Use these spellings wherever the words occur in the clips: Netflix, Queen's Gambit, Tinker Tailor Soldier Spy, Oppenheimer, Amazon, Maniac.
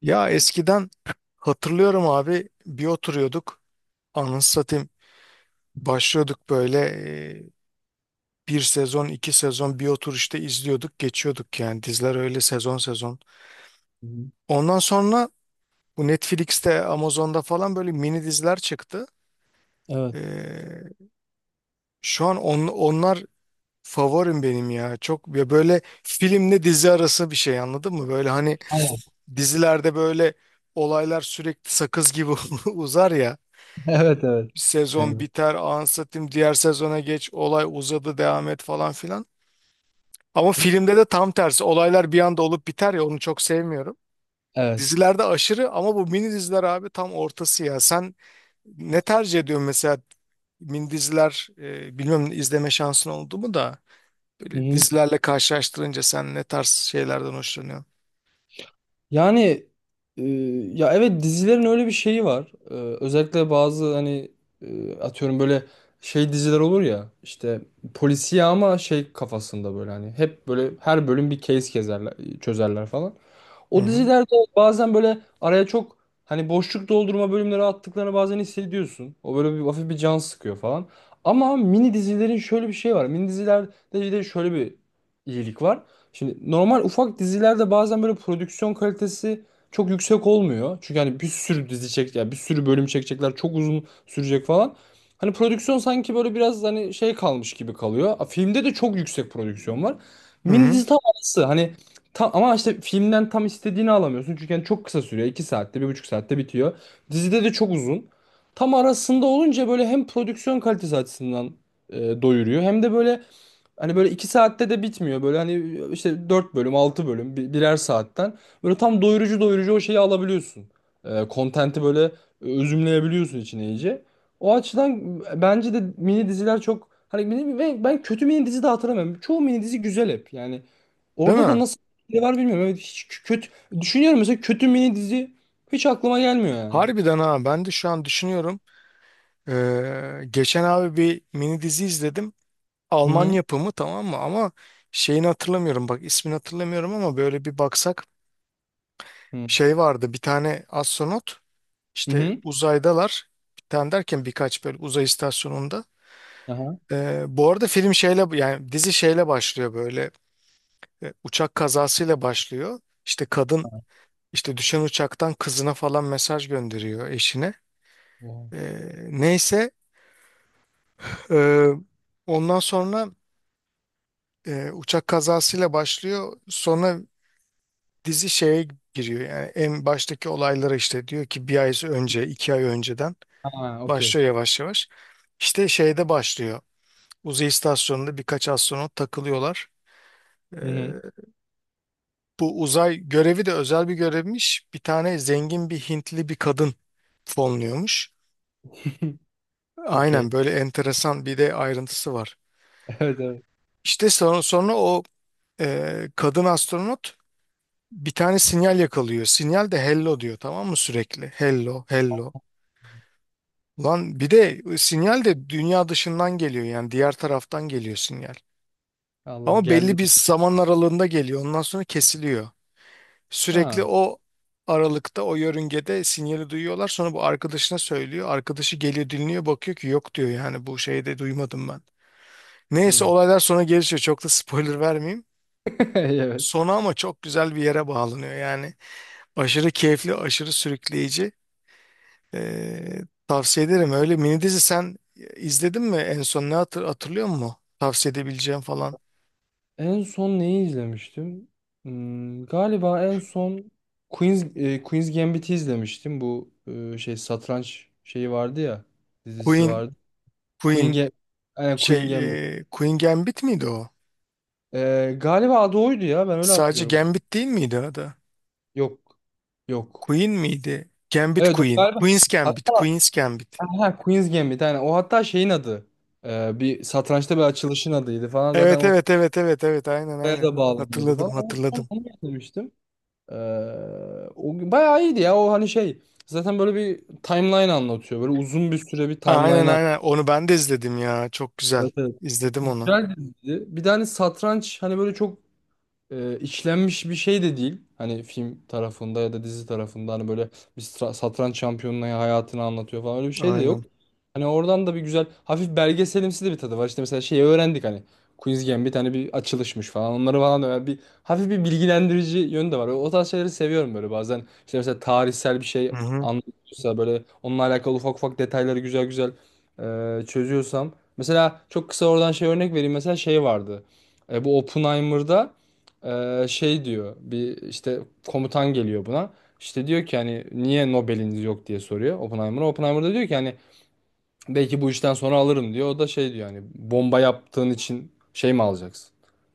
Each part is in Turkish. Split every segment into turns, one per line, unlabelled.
Ya eskiden hatırlıyorum abi bir oturuyorduk, anasını satayım, başlıyorduk böyle e, bir sezon iki sezon bir otur işte izliyorduk geçiyorduk, yani diziler öyle sezon sezon.
Hı hı.
Ondan sonra bu Netflix'te Amazon'da falan böyle mini diziler çıktı.
Evet.
E, Şu an onlar favorim benim ya, çok ya, böyle filmle dizi arası bir şey, anladın mı? Böyle hani
Aynen.
dizilerde böyle olaylar sürekli sakız gibi uzar ya.
Evet, evet.
Sezon
Evet.
biter, anlatayım, diğer sezona geç, olay uzadı, devam et, falan filan. Ama filmde de tam tersi, olaylar bir anda olup biter ya, onu çok sevmiyorum.
Evet.
Dizilerde aşırı, ama bu mini diziler abi tam ortası ya. Sen ne tercih ediyorsun mesela? Mini diziler, bilmiyorum, izleme şansın oldu mu da
Hı
böyle
hı.
dizilerle karşılaştırınca sen ne tarz şeylerden hoşlanıyorsun?
Yani e, ya evet, dizilerin öyle bir şeyi var. Özellikle bazı hani atıyorum, böyle şey diziler olur ya, işte polisiye ama şey kafasında, böyle hani hep böyle her bölüm bir case kezerler, çözerler falan.
Hı
O
hı.
dizilerde bazen böyle araya çok hani boşluk doldurma bölümleri attıklarını bazen hissediyorsun. O böyle bir hafif bir can sıkıyor falan. Ama mini dizilerin şöyle bir şey var. Mini dizilerde bir de şöyle bir iyilik var. Şimdi normal ufak dizilerde bazen böyle prodüksiyon kalitesi çok yüksek olmuyor. Çünkü hani bir sürü dizi çek, yani bir sürü bölüm çekecekler, çok uzun sürecek falan. Hani prodüksiyon sanki böyle biraz hani şey kalmış gibi kalıyor. Filmde de çok yüksek prodüksiyon var.
Hı
Mini
hı.
dizi tam arası. Hani tam, ama işte filmden tam istediğini alamıyorsun. Çünkü yani çok kısa sürüyor. 2 saatte, bir buçuk saatte bitiyor. Dizide de çok uzun. Tam arasında olunca böyle hem prodüksiyon kalitesi açısından doyuruyor. Hem de böyle hani böyle 2 saatte de bitmiyor. Böyle hani işte 4 bölüm, 6 bölüm, birer saatten. Böyle tam doyurucu o şeyi alabiliyorsun. Kontenti böyle özümleyebiliyorsun içine iyice. O açıdan bence de mini diziler çok... Hani ve ben kötü mini dizi de hatırlamıyorum. Çoğu mini dizi güzel hep. Yani
Değil
orada da
mi?
nasıl bir şey var bilmiyorum. Evet, hiç kötü düşünüyorum mesela, kötü mini dizi hiç aklıma gelmiyor yani.
Harbiden ha, ben de şu an düşünüyorum. Geçen abi bir mini dizi izledim.
Hı
Alman
hı.
yapımı, tamam mı? Ama şeyini hatırlamıyorum, bak, ismini hatırlamıyorum, ama böyle bir baksak, şey vardı, bir tane astronot,
Hı hı,
işte
hı.
uzaydalar. Bir tane derken birkaç, böyle uzay istasyonunda.
Aha.
Bu arada film şeyle, yani dizi şeyle başlıyor, böyle uçak kazasıyla başlıyor. İşte kadın, işte düşen uçaktan kızına falan mesaj gönderiyor, eşine.
Oha.
Neyse. Ee, Ondan sonra uçak kazasıyla başlıyor. Sonra dizi şeye giriyor. Yani en baştaki olaylara, işte diyor ki bir ay önce, iki ay önceden
Ha, okey.
başlıyor, yavaş yavaş. İşte şeyde başlıyor. Uzay istasyonunda birkaç astronot takılıyorlar. Ee,
Hı hı.
Bu uzay görevi de özel bir görevmiş. Bir tane zengin bir Hintli bir kadın fonluyormuş.
Okey.
Aynen, böyle enteresan bir de ayrıntısı var.
Evet, evet.
İşte sonra o kadın astronot bir tane sinyal yakalıyor. Sinyal de hello diyor, tamam mı, sürekli? Hello, hello. Lan bir de sinyal de dünya dışından geliyor, yani diğer taraftan geliyor sinyal.
Allah
Ama
geldi.
belli bir zaman aralığında geliyor. Ondan sonra kesiliyor. Sürekli
Ha.
o aralıkta, o yörüngede sinyali duyuyorlar. Sonra bu arkadaşına söylüyor. Arkadaşı geliyor, dinliyor, bakıyor ki yok, diyor, yani bu şeyi de duymadım ben. Neyse,
Hı.
olaylar sonra gelişiyor. Çok da spoiler vermeyeyim.
Evet.
Sonu ama çok güzel bir yere bağlanıyor yani. Aşırı keyifli, aşırı sürükleyici. Ee, Tavsiye ederim. Öyle mini dizi sen izledin mi? En son ne hatırlıyor musun? Tavsiye edebileceğim falan.
En son neyi izlemiştim? Hmm, galiba en son Queen's Gambit'i izlemiştim. Bu şey, satranç şeyi vardı ya. Dizisi
Queen,
vardı. Queen
Queen
Ga- Aynen, Queen
şey,
Gambit.
Queen Gambit miydi o?
Galiba adı oydu ya. Ben öyle
Sadece
hatırlıyorum.
Gambit değil miydi adı?
Yok. Yok.
Queen miydi? Gambit
Evet, o
Queen.
galiba.
Queen's
Ha,
Gambit. Queen's Gambit.
ha, Queen's Gambit, yani o hatta şeyin adı. Bir satrançta bir açılışın adıydı falan zaten,
Evet
o
evet evet evet evet, aynen
filmlere
aynen.
da bağlanıyordu
Hatırladım
falan. Ama son
hatırladım.
onu getirmiştim. Ee, O gün bayağı iyiydi ya, o hani şey zaten böyle bir timeline anlatıyor. Böyle uzun bir süre bir timeline
Aynen aynen,
anlatıyor.
onu ben de izledim ya. Çok güzel.
Evet, evet.
İzledim onu.
Güzel diziydi. Bir tane satranç hani böyle çok işlenmiş bir şey de değil. Hani film tarafında ya da dizi tarafında, hani böyle bir satranç şampiyonunun hayatını anlatıyor falan, öyle bir şey de
Aynen.
yok. Hani oradan da bir güzel hafif belgeselimsi de bir tadı var. İşte mesela şeyi öğrendik, hani Queen's Gambit hani bir açılışmış falan, onları falan. Öyle bir hafif bir bilgilendirici yönü de var. O tarz şeyleri seviyorum böyle bazen. İşte mesela tarihsel bir
Hı
şey
hı.
anlatıyorsa böyle, onunla alakalı ufak ufak detayları güzel güzel çözüyorsam. Mesela çok kısa oradan şey örnek vereyim, mesela şey vardı. Bu Oppenheimer'da şey diyor, bir işte komutan geliyor buna. İşte diyor ki hani niye Nobel'iniz yok diye soruyor Oppenheimer'a. Oppenheimer da diyor ki hani belki bu işten sonra alırım diyor. O da şey diyor, hani bomba yaptığın için şey mi alacaksın?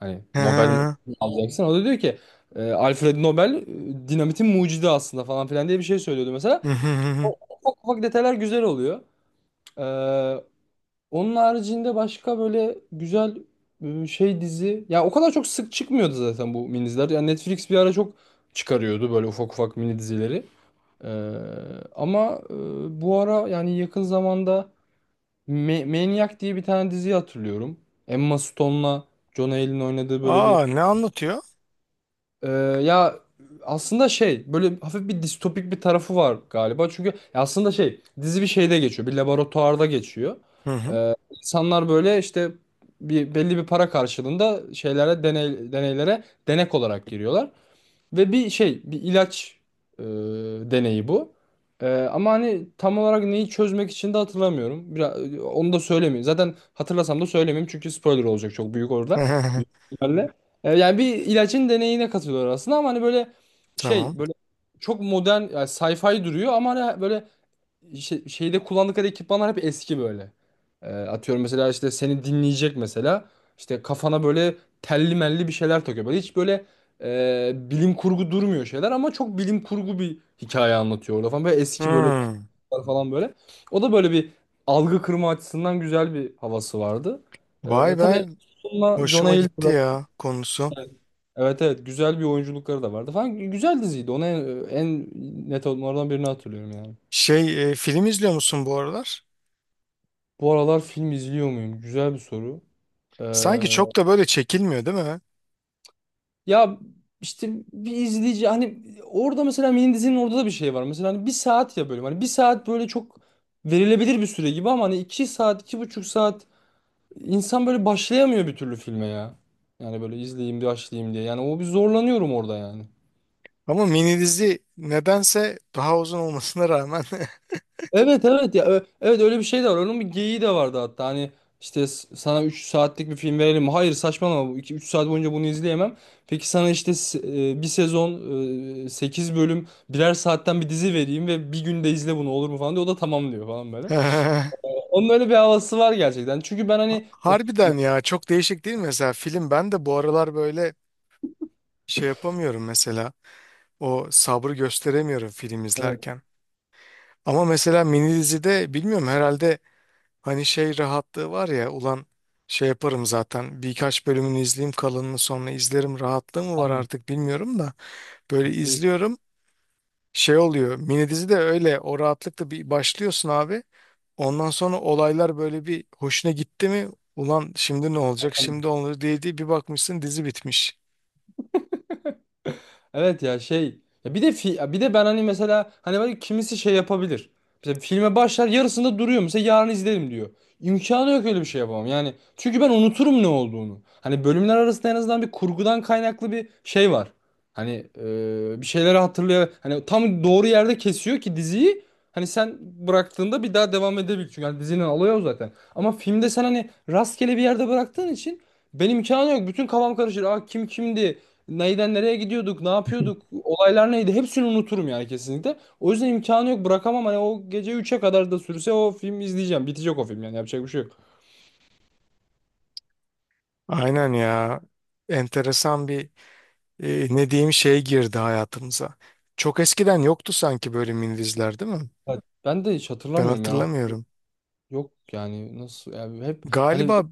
Hani
Hı
Nobel mi
hı.
alacaksın? O da diyor ki: Alfred Nobel dinamitin mucidi aslında" falan filan diye bir şey söylüyordu mesela.
Hı hı hı
O
hı.
ufak ufak detaylar güzel oluyor. Onun haricinde başka böyle güzel şey dizi. Ya o kadar çok sık çıkmıyordu zaten bu mini diziler. Yani Netflix bir ara çok çıkarıyordu böyle ufak ufak mini dizileri. Ee, Ama bu ara, yani yakın zamanda Maniac diye bir tane dizi hatırlıyorum. Emma Stone'la John Hale'in oynadığı böyle bir
Aa, ne anlatıyor?
ee, ya aslında şey, böyle hafif bir distopik bir tarafı var galiba. Çünkü ya aslında şey, dizi bir şeyde geçiyor. Bir laboratuvarda geçiyor.
Hı hı.
İnsanlar böyle işte bir belli bir para karşılığında şeylere deneylere denek olarak giriyorlar. Ve bir şey, bir ilaç e, deneyi bu. Ama hani tam olarak neyi çözmek için de hatırlamıyorum. Biraz, onu da söylemeyeyim. Zaten hatırlasam da söylemeyeyim çünkü spoiler olacak çok büyük orada. Büyük ihtimalle. Yani bir ilacın deneyine katılıyor aslında, ama hani böyle
Tamam.
şey, böyle çok modern yani sci-fi duruyor, ama hani böyle şeyde kullandıkları ekipmanlar hep eski böyle. Atıyorum mesela, işte seni dinleyecek mesela. İşte kafana böyle telli melli bir şeyler takıyor. Böyle hiç böyle bilim kurgu durmuyor şeyler, ama çok bilim kurgu bir hikaye anlatıyor orada falan. Böyle eski böyle
Hmm.
kurgular falan böyle. O da böyle bir algı kırma açısından güzel bir havası vardı.
Vay
Tabii
be.
sonuna John
Hoşuma gitti
Hill'la
ya konusu.
evet, evet güzel bir oyunculukları da vardı falan. Güzel diziydi. Onu en net onlardan birini hatırlıyorum yani.
Şey, film izliyor musun bu aralar?
Bu aralar film izliyor muyum? Güzel bir soru.
Sanki
Ee,
çok da böyle çekilmiyor, değil mi?
Ya işte bir izleyici hani, orada mesela mini dizinin orada da bir şey var. Mesela hani bir saat ya bölüm. Hani bir saat böyle çok verilebilir bir süre gibi, ama hani iki saat, iki buçuk saat insan böyle başlayamıyor bir türlü filme ya. Yani böyle izleyeyim, başlayayım diye. Yani o bir zorlanıyorum orada yani.
Ama mini dizi nedense daha uzun olmasına rağmen.
Evet, evet ya, evet öyle bir şey de var. Onun bir geyiği de vardı hatta. Hani işte sana 3 saatlik bir film verelim, mi? Hayır saçmalama. 2-3 saat boyunca bunu izleyemem. Peki sana işte bir sezon 8 bölüm birer saatten bir dizi vereyim ve bir günde izle bunu, olur mu falan diyor. O da tamam diyor falan böyle. Onun öyle bir havası var gerçekten. Çünkü ben hani o
Harbiden ya, çok değişik değil mi? Mesela film, ben de bu aralar böyle şey yapamıyorum mesela. O sabrı gösteremiyorum film
evet,
izlerken. Ama mesela mini dizide, bilmiyorum, herhalde hani şey rahatlığı var ya, ulan şey yaparım zaten, birkaç bölümünü izleyeyim, kalanını sonra izlerim rahatlığı mı var
aynen.
artık, bilmiyorum da, böyle izliyorum. Şey oluyor mini dizi de, öyle o rahatlıkla bir başlıyorsun abi, ondan sonra olaylar böyle bir hoşuna gitti mi, ulan şimdi ne olacak, şimdi olur, diye diye bir bakmışsın dizi bitmiş.
Evet ya şey, ya bir de bir de ben hani mesela hani böyle kimisi şey yapabilir. Mesela filme başlar yarısında duruyor mesela, yarın izlerim diyor. İmkanı yok öyle bir şey yapamam. Yani çünkü ben unuturum ne olduğunu. Hani bölümler arasında en azından bir kurgudan kaynaklı bir şey var. Hani bir şeyleri hatırlıyor. Hani tam doğru yerde kesiyor ki diziyi. Hani sen bıraktığında bir daha devam edebil. Çünkü hani dizinin olayı o zaten. Ama filmde sen hani rastgele bir yerde bıraktığın için benim imkanı yok. Bütün kafam karışır. Aa, kim kimdi? Neyden nereye gidiyorduk, ne yapıyorduk, olaylar neydi, hepsini unuturum yani kesinlikle. O yüzden imkanı yok, bırakamam, hani o gece üçe kadar da sürse o filmi izleyeceğim. Bitecek o film yani, yapacak bir şey yok.
Aynen ya. Enteresan bir, ne diyeyim, şey girdi hayatımıza. Çok eskiden yoktu sanki böyle mini diziler, değil mi?
Evet, ben de hiç
Ben
hatırlamıyorum yani. O-
hatırlamıyorum.
yok yani, nasıl yani, hep hani
Galiba,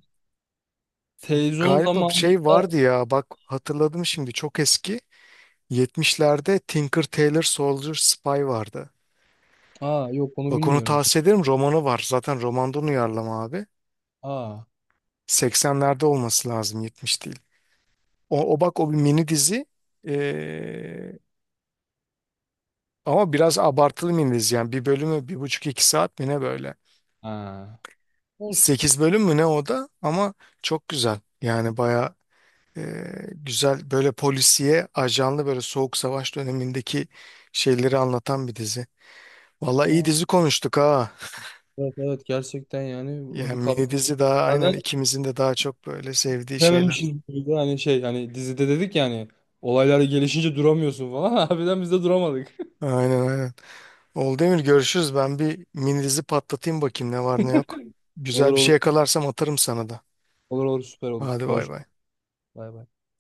televizyon
bir şey
zamanında
vardı ya, bak hatırladım şimdi, çok eski. 70'lerde Tinker Tailor Soldier Spy vardı.
aa yok, onu
Bak onu
bilmiyorum.
tavsiye ederim, romanı var. Zaten romandan uyarlama abi.
Aa
80'lerde olması lazım, 70 değil. O bak, o bir mini dizi. Ee, Ama biraz abartılı mini dizi yani, bir bölümü bir buçuk iki saat mi ne, böyle.
ha. Olsun.
Sekiz bölüm mü ne o da, ama çok güzel. Yani baya Ee, güzel, böyle polisiye, ajanlı, böyle Soğuk Savaş dönemindeki şeyleri anlatan bir dizi. Valla iyi
Aa,
dizi konuştuk ha.
evet, evet gerçekten yani bir
Yani
kap.
mini dizi, daha aynen
Bazen
ikimizin de daha çok böyle sevdiği şeyler.
bitirememişiz gibi de hani şey, hani dizide dedik yani, olaylar gelişince duramıyorsun falan. Harbiden biz de duramadık.
Aynen aynen. Oldu Emir, görüşürüz. Ben bir mini dizi patlatayım, bakayım ne var ne yok.
Olur
Güzel bir şey
olur.
yakalarsam atarım sana da.
Olur olur, süper olur.
Hadi bay
Konuş.
bay.
Bay bay.